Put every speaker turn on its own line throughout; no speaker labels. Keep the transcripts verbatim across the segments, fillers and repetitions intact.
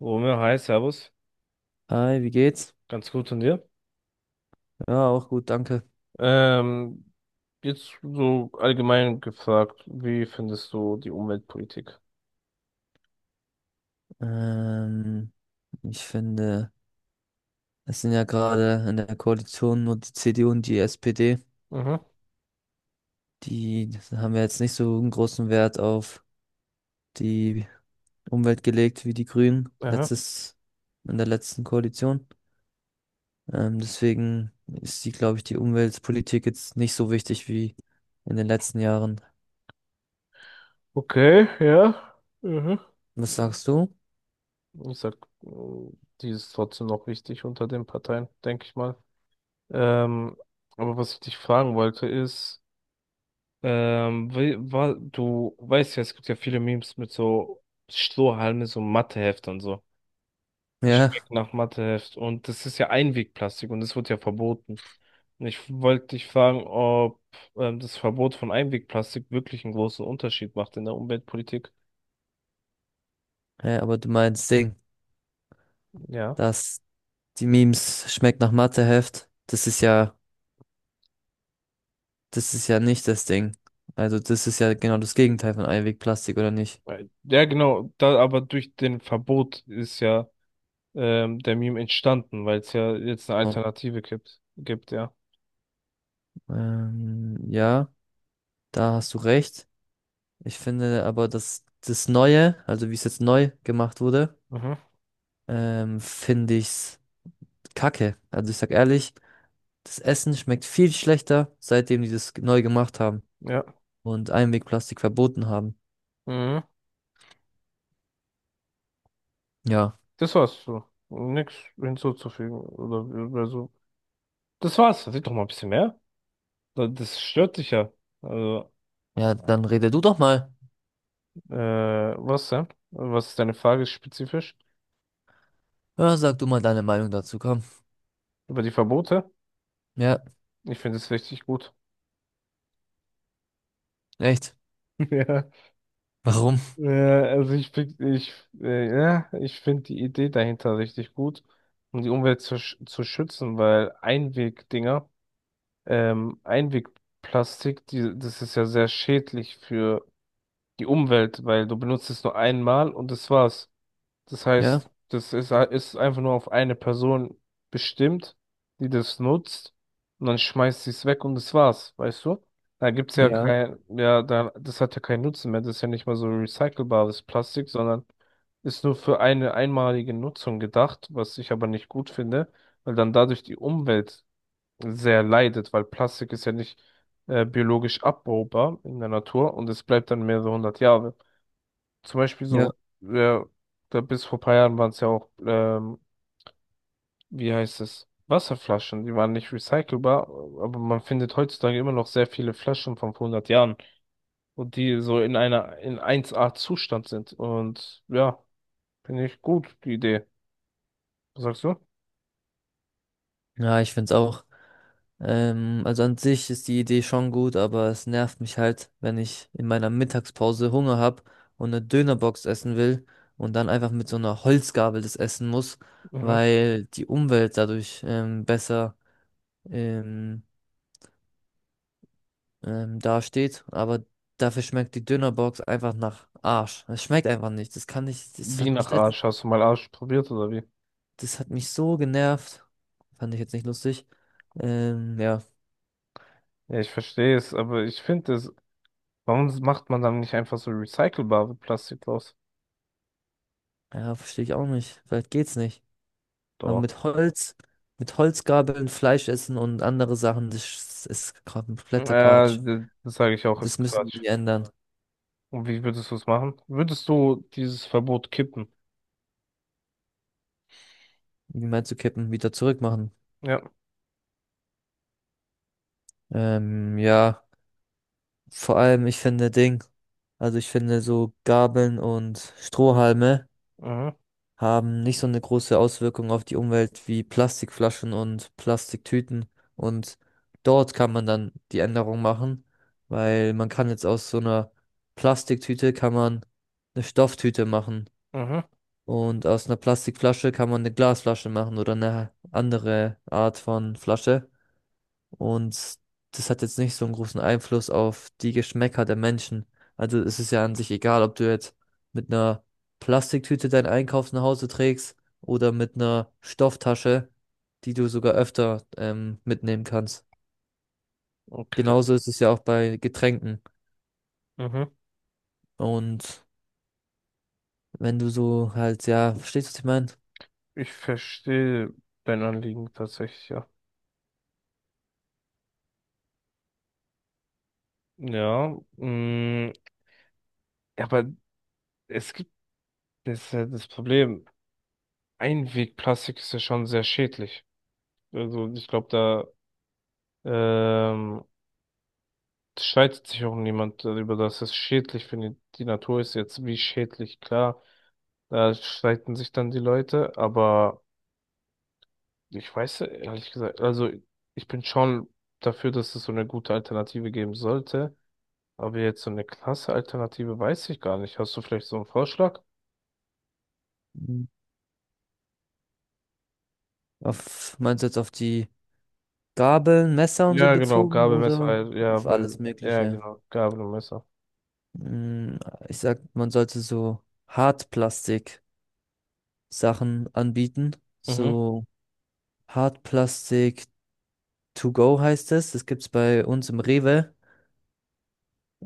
Romeo, hi, Servus.
Hi, wie geht's?
Ganz gut von dir.
Ja, auch gut, danke.
Ähm, Jetzt so allgemein gefragt, wie findest du die Umweltpolitik?
Ähm, Ich finde, es sind ja gerade in der Koalition nur die C D U und die S P D.
Mhm,
Die haben ja jetzt nicht so einen großen Wert auf die Umwelt gelegt wie die Grünen
aha.
letztes, in der letzten Koalition. Ähm, deswegen ist die, glaube ich, die Umweltpolitik jetzt nicht so wichtig wie in den letzten Jahren.
Okay, ja. Mhm.
Was sagst du?
Ich sag, mh, die ist trotzdem noch wichtig unter den Parteien, denke ich mal. Ähm, aber was ich dich fragen wollte ist, ähm, wie, wa, du weißt ja, es gibt ja viele Memes mit so Strohhalme, so Mathehefte und so. Die
Ja,
schmecken nach Matheheft. Und das ist ja Einwegplastik und das wird ja verboten. Und ich wollte dich fragen, ob ähm, das Verbot von Einwegplastik wirklich einen großen Unterschied macht in der Umweltpolitik.
ja, aber du meinst Ding,
Ja.
dass die Memes schmeckt nach Matheheft. Das ist ja Das ist ja nicht das Ding. Also das ist ja genau das Gegenteil von Einwegplastik, oder nicht?
Weil- Ja, genau. Da, aber durch den Verbot ist ja ähm, der Meme entstanden, weil es ja jetzt eine
So.
Alternative gibt. Gibt, ja.
Ähm, ja, da hast du recht. Ich finde aber, dass das Neue, also wie es jetzt neu gemacht wurde,
Mhm.
ähm, finde ich's kacke. Also ich sag ehrlich, das Essen schmeckt viel schlechter, seitdem die das neu gemacht haben
Ja.
und Einwegplastik verboten haben.
Mhm.
Ja,
Das war's so. Nichts hinzuzufügen. Oder, oder so. Das war's. Red doch mal ein bisschen mehr. Da- Das stört dich ja. Also.
ja, dann rede du doch mal.
Äh, was denn? Was ist deine Frage spezifisch?
Ja, sag du mal deine Meinung dazu, komm.
Über die Verbote?
Ja,
Ich finde es richtig gut.
echt.
Ja,
Warum?
äh, also ich find, ich, äh, ja, ich finde die Idee dahinter richtig gut, um die Umwelt zu, sch- zu schützen, weil Einwegdinger, ähm, Einwegplastik, die, das ist ja sehr schädlich für die Umwelt, weil du benutzt es nur einmal und das war's. Das
Ja,
heißt, das ist, ist einfach nur auf eine Person bestimmt, die das nutzt und dann schmeißt sie es weg und das war's, weißt du? Da gibt's ja
ja,
kein, ja, da, das hat ja keinen Nutzen mehr. Das ist ja nicht mal so recycelbares Plastik, sondern ist nur für eine einmalige Nutzung gedacht, was ich aber nicht gut finde, weil dann dadurch die Umwelt sehr leidet, weil Plastik ist ja nicht äh, biologisch abbaubar in der Natur und es bleibt dann mehrere hundert Jahre. Zum Beispiel
ja.
so, ja, da bis vor paar Jahren waren es ja auch, ähm, wie heißt es, Wasserflaschen, die waren nicht recycelbar, aber man findet heutzutage immer noch sehr viele Flaschen von vor hundert Jahren und die so in einer, in eins A Zustand sind. Und ja, finde ich gut, die Idee. Was sagst du?
Ja, ich find's auch. Ähm, also an sich ist die Idee schon gut, aber es nervt mich halt, wenn ich in meiner Mittagspause Hunger habe und eine Dönerbox essen will und dann einfach mit so einer Holzgabel das essen muss,
Mhm.
weil die Umwelt dadurch ähm, besser ähm, ähm, dasteht. Aber dafür schmeckt die Dönerbox einfach nach Arsch. Es schmeckt einfach nicht. Das kann nicht. Das
Wie
hat
nach
mich letzt,
Arsch? Hast du mal Arsch probiert oder wie?
das hat mich so genervt. Fand ich jetzt nicht lustig. Ähm, ja,
Ja, ich verstehe es, aber ich finde es, warum macht man dann nicht einfach so recycelbare Plastik draus?
ja, verstehe ich auch nicht. Vielleicht geht's nicht. Aber
Doch.
mit Holz, mit Holzgabeln Fleisch essen und andere Sachen, das ist kompletter
Ja,
Quatsch.
d- das sage ich auch, ist
Das müssen
Quatsch.
sie ändern.
Und wie würdest du es machen? Würdest du dieses Verbot kippen?
Wie meinst du kippen? Wieder zurückmachen?
Ja.
Ähm, ja, vor allem, ich finde Ding, also ich finde so Gabeln und Strohhalme
Mhm.
haben nicht so eine große Auswirkung auf die Umwelt wie Plastikflaschen und Plastiktüten. Und dort kann man dann die Änderung machen, weil man kann jetzt aus so einer Plastiktüte kann man eine Stofftüte machen.
Mhm.
Und aus einer Plastikflasche kann man eine Glasflasche machen oder eine andere Art von Flasche. Und das hat jetzt nicht so einen großen Einfluss auf die Geschmäcker der Menschen. Also es ist ja an sich egal, ob du jetzt mit einer Plastiktüte deinen Einkauf nach Hause trägst oder mit einer Stofftasche, die du sogar öfter ähm, mitnehmen kannst.
Okay.
Genauso ist es ja auch bei Getränken.
Mhm.
Und wenn du so halt, ja, verstehst du, was ich meine?
Ich verstehe dein Anliegen tatsächlich, ja. Mm, ja. Mh, aber es gibt das, ist ja das Problem. Einwegplastik ist ja schon sehr schädlich. Also ich glaube, da ähm, streitet sich auch niemand darüber, dass es schädlich für die, die Natur ist. Jetzt wie schädlich, klar. Da streiten sich dann die Leute, aber ich weiß ehrlich gesagt, also ich bin schon dafür, dass es so eine gute Alternative geben sollte, aber jetzt so eine klasse Alternative weiß ich gar nicht. Hast du vielleicht so einen Vorschlag?
Mhm. Auf, meinst du jetzt auf die Gabeln, Messer und so
Ja, genau,
bezogen
Gabel, Messer,
oder
äh, ja,
auf
weil,
alles
ja,
Mögliche?
genau, Gabel und Messer.
Mm, ich sag, man sollte so Hartplastik-Sachen anbieten.
Mhm,
So Hartplastik to go heißt es. Das gibt's bei uns im Rewe.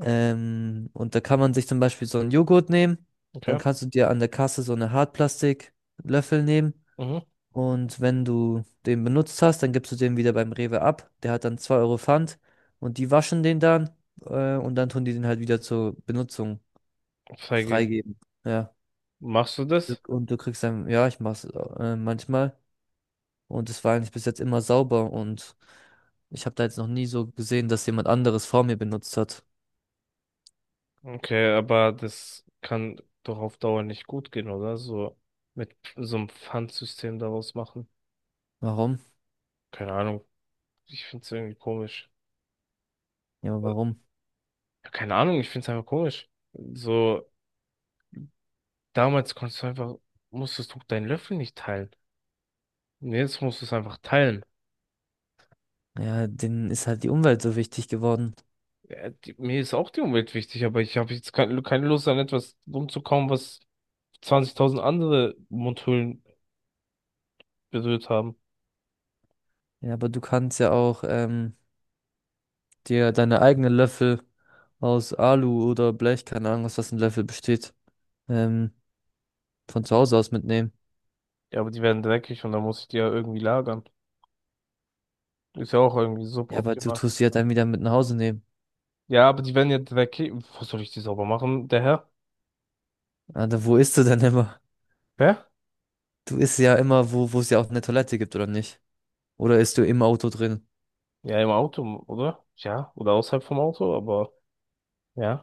Ähm, und da kann man sich zum Beispiel so einen Joghurt nehmen.
okay.
Dann kannst du dir an der Kasse so eine Hartplastiklöffel nehmen.
Mhm.
Und wenn du den benutzt hast, dann gibst du den wieder beim Rewe ab. Der hat dann zwei Euro Pfand und die waschen den dann äh, und dann tun die den halt wieder zur Benutzung
Freigeben.
freigeben. Ja.
Machst du das?
Und du kriegst dann, ja, ich mach's äh, manchmal. Und es war eigentlich bis jetzt immer sauber und ich habe da jetzt noch nie so gesehen, dass jemand anderes vor mir benutzt hat.
Okay, aber das kann doch auf Dauer nicht gut gehen, oder? So mit so einem Pfandsystem daraus machen.
Warum?
Keine Ahnung. Ich find's irgendwie komisch.
Ja,
Äh,
warum?
Keine Ahnung, ich find's einfach komisch. So. Damals konntest du einfach, musstest du deinen Löffel nicht teilen. Und jetzt musst du es einfach teilen.
Ja, denen ist halt die Umwelt so wichtig geworden.
Ja, die, mir ist auch die Umwelt wichtig, aber ich habe jetzt kein keine Lust an etwas rumzukauen, was zwanzigtausend andere Mundhöhlen berührt haben.
Ja, aber du kannst ja auch ähm, dir deine eigenen Löffel aus Alu oder Blech, keine Ahnung, aus was ein Löffel besteht, ähm, von zu Hause aus mitnehmen.
Ja, aber die werden dreckig und dann muss ich die ja irgendwie lagern. Ist ja auch irgendwie
Ja, aber du
suboptimal.
tust sie ja dann wieder mit nach Hause nehmen.
Ja, aber die werden ja dreckig. Wo soll ich die sauber machen, der Herr?
Alter, wo isst du denn immer?
Hä?
Du isst ja immer, wo, wo es ja auch eine Toilette gibt, oder nicht? Oder isst du im Auto drin?
Ja, im Auto, oder? Ja, oder außerhalb vom Auto, aber ja.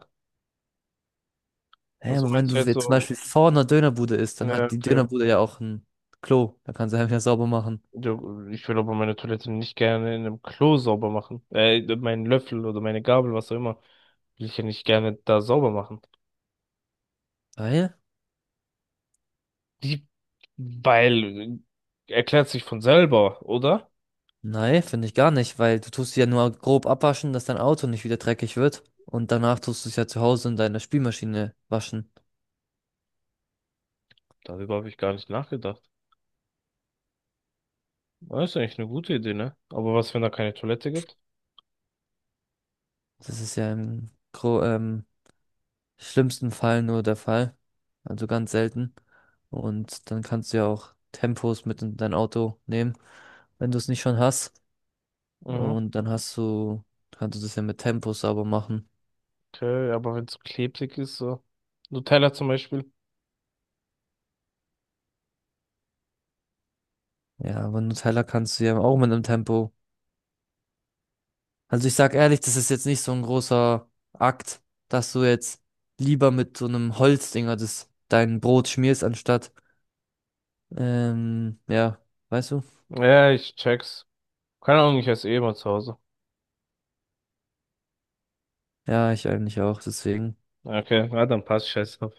Hä,
Also
aber wenn
meinst
du
du jetzt
jetzt zum
so,
Beispiel vor einer Dönerbude isst, dann
ja,
hat die
okay.
Dönerbude ja auch ein Klo. Da kannst du einfach sauber machen.
Ja, ich will aber meine Toilette nicht gerne in einem Klo sauber machen. Äh, meinen Löffel oder meine Gabel, was auch immer, will ich ja nicht gerne da sauber machen.
Weil?
Die, weil, äh, erklärt sich von selber, oder?
Nein, finde ich gar nicht, weil du tust sie ja nur grob abwaschen, dass dein Auto nicht wieder dreckig wird. Und danach tust du es ja zu Hause in deiner Spülmaschine waschen.
Darüber habe ich gar nicht nachgedacht. Das ist eigentlich eine gute Idee, ne? Aber was, wenn da keine Toilette gibt?
Das ist ja im gro ähm, schlimmsten Fall nur der Fall. Also ganz selten. Und dann kannst du ja auch Tempos mit in dein Auto nehmen, wenn du es nicht schon hast.
Mhm,
Und dann hast du, kannst du das ja mit Tempo sauber machen.
okay, aber wenn es klebrig ist, so. Nutella zum Beispiel.
Ja, aber einen Nutella kannst du ja auch mit einem Tempo. Also ich sag ehrlich, das ist jetzt nicht so ein großer Akt, dass du jetzt lieber mit so einem Holzdinger das dein Brot schmierst, anstatt, ähm, ja, weißt du?
Ja, ich check's. Keine Ahnung, ich esse eh immer zu Hause.
Ja, ich eigentlich auch, deswegen.
Okay, na dann passt, scheiß auf.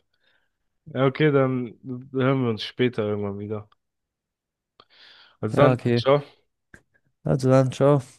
Ja, okay, dann hören wir uns später irgendwann wieder. Also
Ja,
dann,
okay.
ciao.
Also dann, ciao.